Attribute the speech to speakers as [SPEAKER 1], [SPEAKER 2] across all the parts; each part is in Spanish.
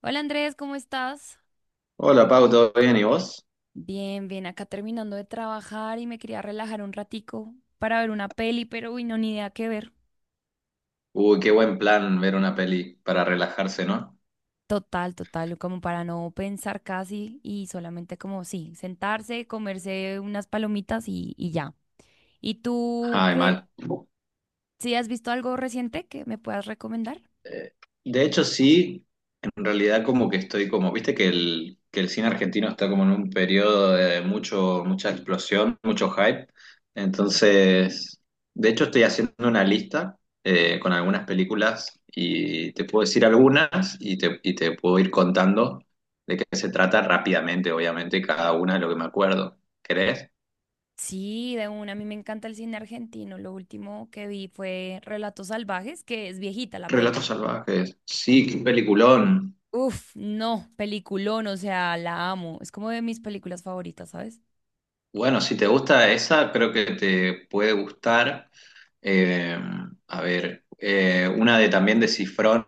[SPEAKER 1] Hola Andrés, ¿cómo estás?
[SPEAKER 2] Hola Pau, ¿todo bien? ¿Y vos?
[SPEAKER 1] Bien, bien, acá terminando de trabajar y me quería relajar un ratico para ver una peli, pero uy, no, ni idea qué ver.
[SPEAKER 2] Uy, qué buen plan ver una peli para relajarse, ¿no?
[SPEAKER 1] Total, total, como para no pensar casi y solamente como sí, sentarse, comerse unas palomitas y ya. ¿Y tú
[SPEAKER 2] Ay,
[SPEAKER 1] qué?
[SPEAKER 2] mal.
[SPEAKER 1] ¿Sí has visto algo reciente que me puedas recomendar?
[SPEAKER 2] Eh, de hecho, sí, en realidad como que estoy como, viste que que el cine argentino está como en un periodo de mucho, mucha explosión, mucho hype. Entonces, de hecho estoy haciendo una lista con algunas películas y te puedo decir algunas y te puedo ir contando de qué se trata rápidamente, obviamente, cada una de lo que me acuerdo. ¿Querés?
[SPEAKER 1] Sí, de una, a mí me encanta el cine argentino. Lo último que vi fue Relatos Salvajes, que es viejita la
[SPEAKER 2] Relatos
[SPEAKER 1] peli.
[SPEAKER 2] salvajes. Sí, qué peliculón.
[SPEAKER 1] Uf, no, peliculón, o sea, la amo. Es como de mis películas favoritas, ¿sabes?
[SPEAKER 2] Bueno, si te gusta esa, creo que te puede gustar. eh, a ver, una de también de Cifrón.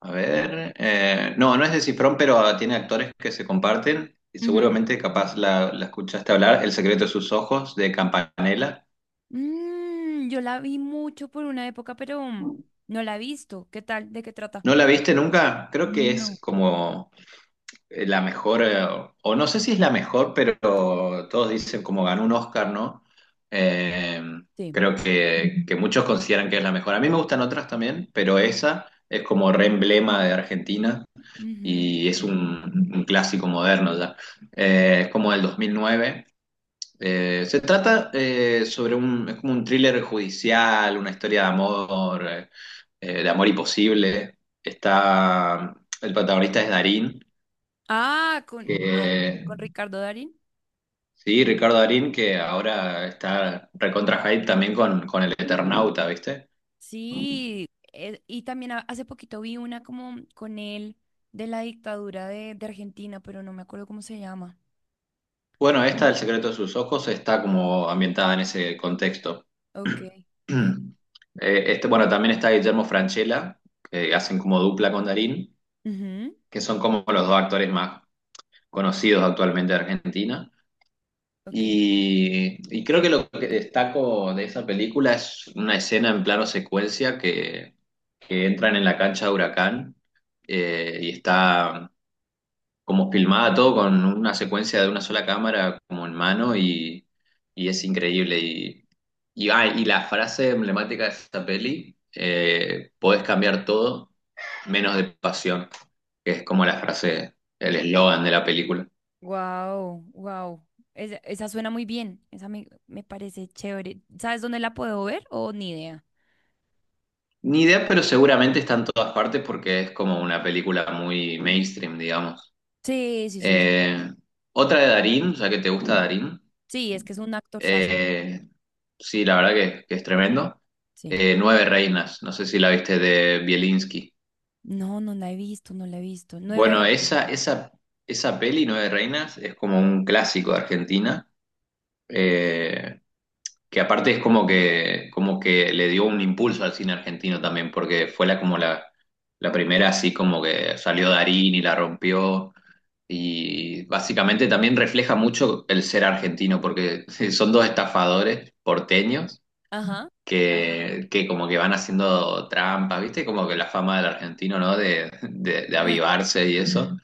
[SPEAKER 2] A ver, no, no es de Cifrón, pero tiene actores que se comparten. Y
[SPEAKER 1] Ujú.
[SPEAKER 2] seguramente capaz la escuchaste hablar, El secreto de sus ojos, de Campanella.
[SPEAKER 1] Mm, yo la vi mucho por una época, pero no la he visto. ¿Qué tal? ¿De qué trata?
[SPEAKER 2] ¿No la viste nunca? Creo que
[SPEAKER 1] No.
[SPEAKER 2] es como la mejor, o no sé si es la mejor, pero todos dicen como ganó un Oscar, ¿no? Eh,
[SPEAKER 1] Sí.
[SPEAKER 2] Creo que muchos consideran que es la mejor. A mí me gustan otras también, pero esa es como re emblema de Argentina
[SPEAKER 1] Ujú.
[SPEAKER 2] y es un clásico moderno ya. Es como del 2009. Se trata sobre un, es como un thriller judicial, una historia de amor imposible. Está, el protagonista es Darín,
[SPEAKER 1] Ah, con,
[SPEAKER 2] que.
[SPEAKER 1] no, con Ricardo Darín.
[SPEAKER 2] Sí, Ricardo Darín, que ahora está recontra hype también con el Eternauta, ¿viste?
[SPEAKER 1] Sí, y también hace poquito vi una como con él de la dictadura de Argentina, pero no me acuerdo cómo se llama.
[SPEAKER 2] Bueno, esta, El secreto de sus ojos, está como ambientada en ese contexto.
[SPEAKER 1] Ok, ok.
[SPEAKER 2] Este, bueno, también está Guillermo Francella, que hacen como dupla con Darín,
[SPEAKER 1] Ujú,
[SPEAKER 2] que son como los dos actores más conocidos actualmente de Argentina.
[SPEAKER 1] ok.
[SPEAKER 2] Y creo que lo que destaco de esa película es una escena en plano secuencia que entran en la cancha de Huracán y está como filmada todo con una secuencia de una sola cámara como en mano y es increíble. Y la frase emblemática de esta peli, podés cambiar todo menos de pasión, que es como la frase, el eslogan de la película.
[SPEAKER 1] Wow, wow. Esa suena muy bien. Esa me, me parece chévere. ¿Sabes dónde la puedo ver? O ni idea.
[SPEAKER 2] Ni idea, pero seguramente está en todas partes porque es como una película muy mainstream, digamos.
[SPEAKER 1] Sí, sí, sí.
[SPEAKER 2] Eh, Otra de Darín, ya que te gusta Darín.
[SPEAKER 1] Sí, es que es un actorzazo.
[SPEAKER 2] Eh, sí, la verdad que es tremendo.
[SPEAKER 1] Sí.
[SPEAKER 2] Nueve Reinas, no sé si la viste de Bielinski.
[SPEAKER 1] No, no la he visto, no la he visto.
[SPEAKER 2] Bueno, esa peli, Nueve Reinas, es como un clásico de Argentina, eh, que aparte es como que le dio un impulso al cine argentino también, porque fue la, como la primera así como que salió Darín y la rompió. Y básicamente también refleja mucho el ser argentino, porque son dos estafadores porteños
[SPEAKER 1] Ajá.
[SPEAKER 2] que como que van haciendo trampas, ¿viste? Como que la fama del argentino, ¿no? De avivarse y eso.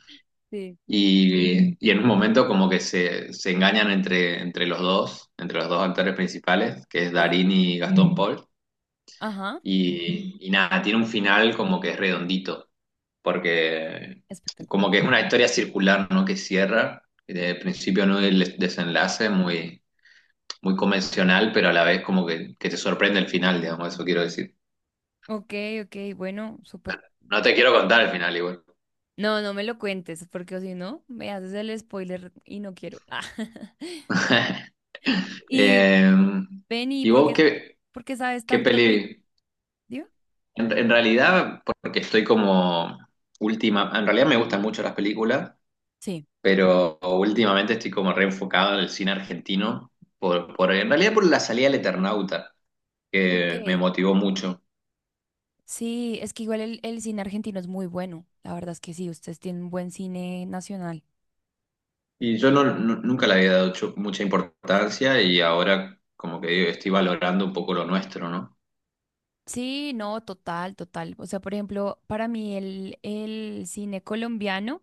[SPEAKER 1] Sí,
[SPEAKER 2] Y en un momento como que se engañan entre los dos actores principales, que es
[SPEAKER 1] sí.
[SPEAKER 2] Darín y Gastón Paul.
[SPEAKER 1] Ajá.
[SPEAKER 2] Y nada, tiene un final como que es redondito, porque como
[SPEAKER 1] Espectacular.
[SPEAKER 2] que es una historia circular, ¿no? Que cierra, de principio no el desenlace, muy, muy convencional, pero a la vez como que te sorprende el final, digamos, eso quiero decir.
[SPEAKER 1] Ok, ok, bueno, súper.
[SPEAKER 2] No te quiero
[SPEAKER 1] suena-
[SPEAKER 2] contar el final igual.
[SPEAKER 1] No, no me lo cuentes, porque si no, me haces el spoiler y no quiero. Ah. Y
[SPEAKER 2] Eh,
[SPEAKER 1] ven,
[SPEAKER 2] ¿Y vos qué,
[SPEAKER 1] ¿por qué sabes
[SPEAKER 2] qué
[SPEAKER 1] tanto de películas?
[SPEAKER 2] peli? En realidad, porque estoy como última, en realidad me gustan mucho las películas,
[SPEAKER 1] Sí.
[SPEAKER 2] pero últimamente estoy como reenfocado en el cine argentino, en realidad por la salida del Eternauta, que me
[SPEAKER 1] Ok.
[SPEAKER 2] motivó mucho.
[SPEAKER 1] Sí, es que igual el cine argentino es muy bueno. La verdad es que sí, ustedes tienen un buen cine nacional.
[SPEAKER 2] Y yo nunca le había dado mucha importancia y ahora como que digo, estoy valorando un poco lo nuestro, ¿no?
[SPEAKER 1] Sí, no, total, total. O sea, por ejemplo, para mí el cine colombiano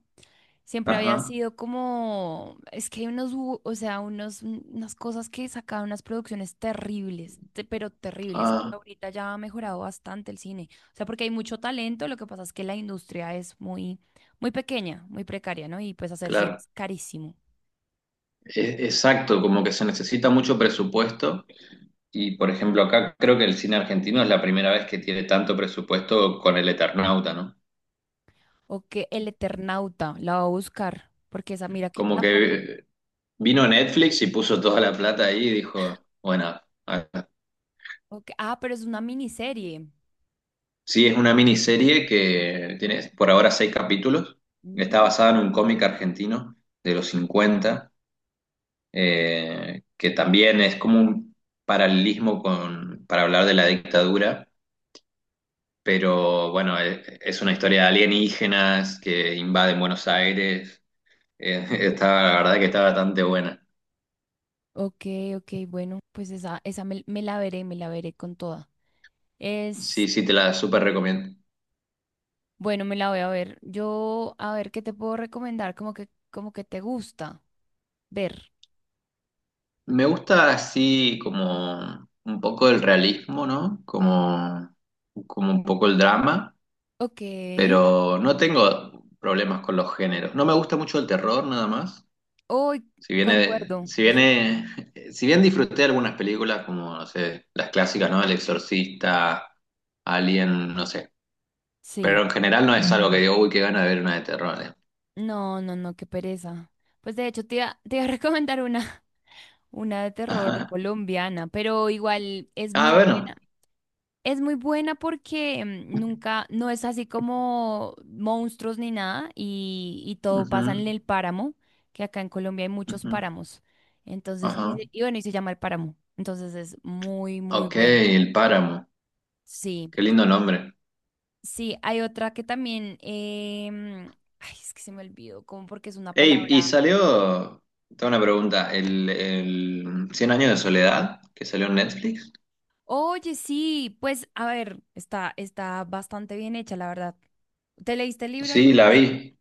[SPEAKER 1] siempre había
[SPEAKER 2] Ajá.
[SPEAKER 1] sido como, es que hay unos, o sea, unos, unas cosas que sacaban unas producciones terribles, pero terribles. Y
[SPEAKER 2] Ah,
[SPEAKER 1] ahorita ya ha mejorado bastante el cine. O sea, porque hay mucho talento, lo que pasa es que la industria es muy, muy pequeña, muy precaria, ¿no? Y pues hacer cine
[SPEAKER 2] claro.
[SPEAKER 1] es carísimo.
[SPEAKER 2] Exacto, como que se necesita mucho presupuesto y por ejemplo acá creo que el cine argentino es la primera vez que tiene tanto presupuesto con el Eternauta, ¿no?
[SPEAKER 1] O que El Eternauta, la voy a buscar, porque esa, mira que
[SPEAKER 2] Como
[SPEAKER 1] tampoco.
[SPEAKER 2] que vino Netflix y puso toda la plata ahí y dijo, bueno, a-
[SPEAKER 1] Ok, ah, pero es una miniserie.
[SPEAKER 2] sí es una miniserie que tiene por ahora seis capítulos, está
[SPEAKER 1] Mm,
[SPEAKER 2] basada en un cómic argentino de los 50, que también es como un paralelismo con, para hablar de la dictadura. Pero bueno, es una historia de alienígenas que invaden Buenos Aires. Está, la verdad que está bastante buena.
[SPEAKER 1] ok, ok, bueno, pues esa me, me la veré con toda.
[SPEAKER 2] Sí,
[SPEAKER 1] Es,
[SPEAKER 2] sí, te la súper recomiendo.
[SPEAKER 1] bueno, me la voy a ver. Yo, a ver, ¿qué te puedo recomendar? Como que te gusta ver.
[SPEAKER 2] Me gusta así como un poco el realismo, ¿no? Como un poco el drama,
[SPEAKER 1] Ok.
[SPEAKER 2] pero no tengo problemas con los géneros. No me gusta mucho el terror, nada más.
[SPEAKER 1] Uy,
[SPEAKER 2] Si viene,
[SPEAKER 1] concuerdo.
[SPEAKER 2] si viene, si bien disfruté algunas películas como, no sé, las clásicas, ¿no? El Exorcista, Alien, no sé. Pero
[SPEAKER 1] Sí.
[SPEAKER 2] en general no es algo que digo, uy, qué gana de ver una de terror.
[SPEAKER 1] No, no, no, qué pereza. Pues de hecho te iba a recomendar una, una de terror
[SPEAKER 2] Ajá.
[SPEAKER 1] colombiana, pero igual es
[SPEAKER 2] Ah,
[SPEAKER 1] muy
[SPEAKER 2] bueno.
[SPEAKER 1] buena. Es muy buena porque nunca, no es así como monstruos ni nada y todo pasa
[SPEAKER 2] Ujú,
[SPEAKER 1] en el páramo, que acá en Colombia hay muchos
[SPEAKER 2] ujú,
[SPEAKER 1] páramos. Entonces, y,
[SPEAKER 2] ajá.
[SPEAKER 1] y bueno, y se llama El Páramo. Entonces es muy, muy
[SPEAKER 2] Ok,
[SPEAKER 1] bueno.
[SPEAKER 2] El Páramo.
[SPEAKER 1] Sí,
[SPEAKER 2] Qué lindo nombre.
[SPEAKER 1] sí, hay otra que también, ay, es que se me olvidó, como porque es una
[SPEAKER 2] Ey, y
[SPEAKER 1] palabra.
[SPEAKER 2] salió, tengo una pregunta, el Cien años de soledad que salió en Netflix.
[SPEAKER 1] Oye, sí, pues a ver, está, está bastante bien hecha, la verdad. ¿Te leíste el libro
[SPEAKER 2] Sí,
[SPEAKER 1] alguna
[SPEAKER 2] la
[SPEAKER 1] vez?
[SPEAKER 2] vi.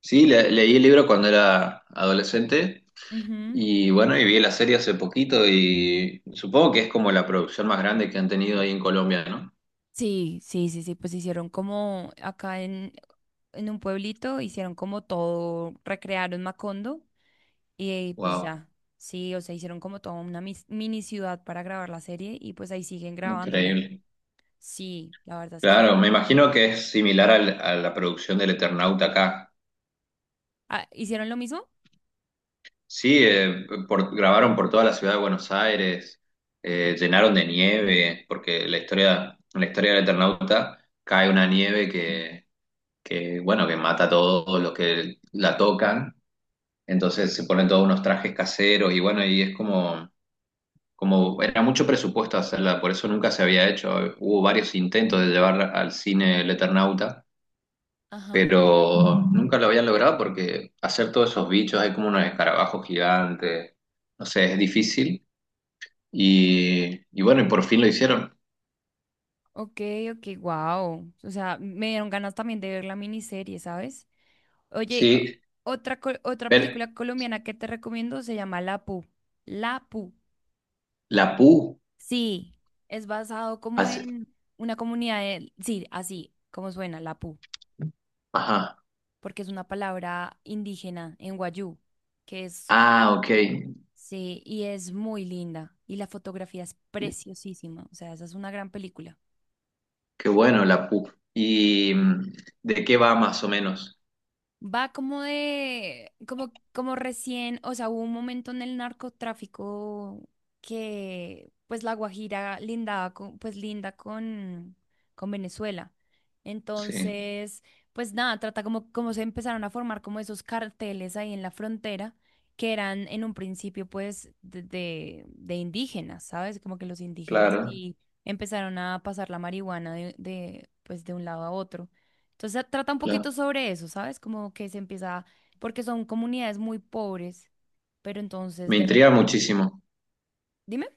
[SPEAKER 2] Sí, leí el libro cuando era adolescente
[SPEAKER 1] Ujú.
[SPEAKER 2] y bueno, y vi la serie hace poquito y supongo que es como la producción más grande que han tenido ahí en Colombia, ¿no?
[SPEAKER 1] Sí, sí, sí, sí, pues hicieron como acá en un pueblito, hicieron como todo, recrearon Macondo y pues
[SPEAKER 2] Wow,
[SPEAKER 1] ya, sí, o sea, hicieron como toda una mini ciudad para grabar la serie y pues ahí siguen grabándola.
[SPEAKER 2] increíble.
[SPEAKER 1] Sí, la verdad es que...
[SPEAKER 2] Claro, me imagino que es similar a la producción del Eternauta acá.
[SPEAKER 1] Ah, ¿hicieron lo mismo?
[SPEAKER 2] Sí, grabaron por toda la ciudad de Buenos Aires, llenaron de nieve, porque la historia, en la historia del Eternauta cae una nieve bueno, que mata a todos los que la tocan. Entonces se ponen todos unos trajes caseros y bueno, y es como era mucho presupuesto hacerla, por eso nunca se había hecho. Hubo varios intentos de llevar al cine el Eternauta
[SPEAKER 1] Ajá.
[SPEAKER 2] pero nunca lo habían logrado porque hacer todos esos bichos, hay como unos escarabajos gigantes, no sé, es difícil. Y bueno, y por fin lo hicieron.
[SPEAKER 1] Ok, ok, wow. O sea, me dieron ganas también de ver la miniserie, ¿sabes? Oye,
[SPEAKER 2] Sí,
[SPEAKER 1] otra, otra
[SPEAKER 2] ver,
[SPEAKER 1] película colombiana que te recomiendo se llama La Pu. La Pu.
[SPEAKER 2] la PU,
[SPEAKER 1] Sí, es basado como
[SPEAKER 2] hace-
[SPEAKER 1] en una comunidad de, sí, así como suena, Lapú,
[SPEAKER 2] ajá,
[SPEAKER 1] porque es una palabra indígena en Wayuu, que es,
[SPEAKER 2] ah, ok,
[SPEAKER 1] sí, y es muy linda, y la fotografía es preciosísima, o sea, esa es una gran película.
[SPEAKER 2] qué bueno la PU. ¿Y de qué va más o menos?
[SPEAKER 1] Va como de, como, como recién, o sea, hubo un momento en el narcotráfico que pues La Guajira lindaba con, pues linda con Venezuela.
[SPEAKER 2] Sí,
[SPEAKER 1] Entonces, pues nada, trata como, como se empezaron a formar como esos carteles ahí en la frontera, que eran en un principio pues de indígenas, ¿sabes? Como que los indígenas
[SPEAKER 2] claro,
[SPEAKER 1] ahí empezaron a pasar la marihuana pues de un lado a otro. Entonces trata un
[SPEAKER 2] claro.
[SPEAKER 1] poquito sobre eso, ¿sabes? Como que se empieza, porque son comunidades muy pobres, pero entonces
[SPEAKER 2] Me
[SPEAKER 1] de
[SPEAKER 2] intriga
[SPEAKER 1] repente,
[SPEAKER 2] muchísimo,
[SPEAKER 1] dime.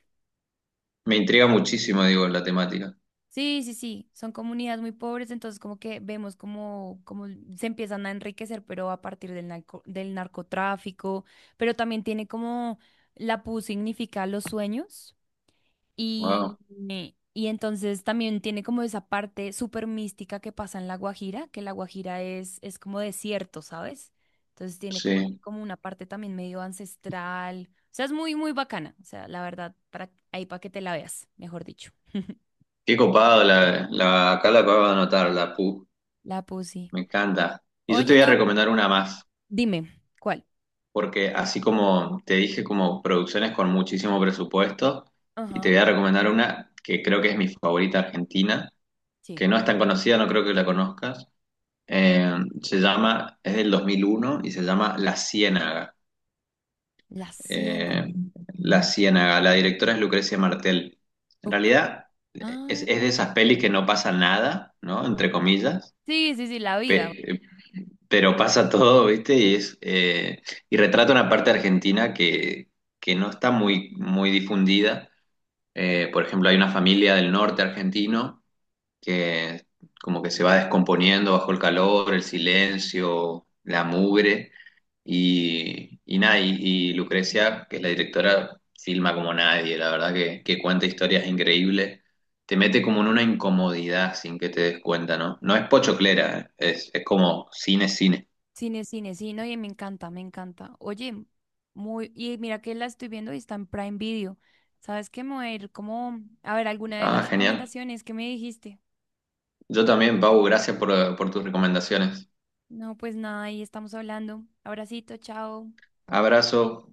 [SPEAKER 2] me intriga muchísimo, digo, la temática.
[SPEAKER 1] Sí, sí, sí, son comunidades muy pobres, entonces como que vemos como, como se empiezan a enriquecer, pero a partir del del narcotráfico, pero también tiene como la PU significa los sueños. Y,
[SPEAKER 2] Wow,
[SPEAKER 1] y entonces también tiene como esa parte súper mística que pasa en La Guajira, que La Guajira es como desierto, ¿sabes? Entonces tiene como,
[SPEAKER 2] sí.
[SPEAKER 1] como una parte también medio ancestral. O sea, es muy, muy bacana. O sea, la verdad, para, ahí para que te la veas, mejor dicho.
[SPEAKER 2] Qué copado, acá la acabo de anotar, la PU.
[SPEAKER 1] La Pussy.
[SPEAKER 2] Me encanta. Y yo te
[SPEAKER 1] Oye,
[SPEAKER 2] voy a
[SPEAKER 1] no,
[SPEAKER 2] recomendar una más,
[SPEAKER 1] dime, ¿cuál?
[SPEAKER 2] porque así como te dije, como producciones con muchísimo presupuesto, y te
[SPEAKER 1] Ajá,
[SPEAKER 2] voy a recomendar una que creo que es mi favorita argentina,
[SPEAKER 1] sí.
[SPEAKER 2] que no es tan conocida, no creo que la conozcas. Eh, Se llama, es del 2001 y se llama La Ciénaga.
[SPEAKER 1] La Siena,
[SPEAKER 2] Eh, La Ciénaga, la directora es Lucrecia Martel. En
[SPEAKER 1] ok.
[SPEAKER 2] realidad, es,
[SPEAKER 1] Ah,
[SPEAKER 2] es de esas pelis que no pasa nada, ¿no? Entre comillas
[SPEAKER 1] sí, sí, sí, la vida.
[SPEAKER 2] pe- pero pasa todo, ¿viste? Y es y retrata una parte argentina que no está muy, muy difundida. Por ejemplo, hay una familia del norte argentino que como que se va descomponiendo bajo el calor, el silencio, la mugre. Y nada, y Lucrecia, que es la directora, filma como nadie, la verdad que cuenta historias increíbles. Te mete como en una incomodidad sin que te des cuenta, ¿no? No es pochoclera, ¿eh? Es como cine, cine.
[SPEAKER 1] Cine, cine, sí, no, y me encanta, me encanta. Oye, muy, y mira que la estoy viendo y está en Prime Video. ¿Sabes qué? Me voy a ir como, a ver, alguna de
[SPEAKER 2] Ah,
[SPEAKER 1] las
[SPEAKER 2] genial.
[SPEAKER 1] recomendaciones que me dijiste.
[SPEAKER 2] Yo también, Pau, gracias por tus recomendaciones.
[SPEAKER 1] No, pues nada, ahí estamos hablando. Abracito, chao.
[SPEAKER 2] Abrazo.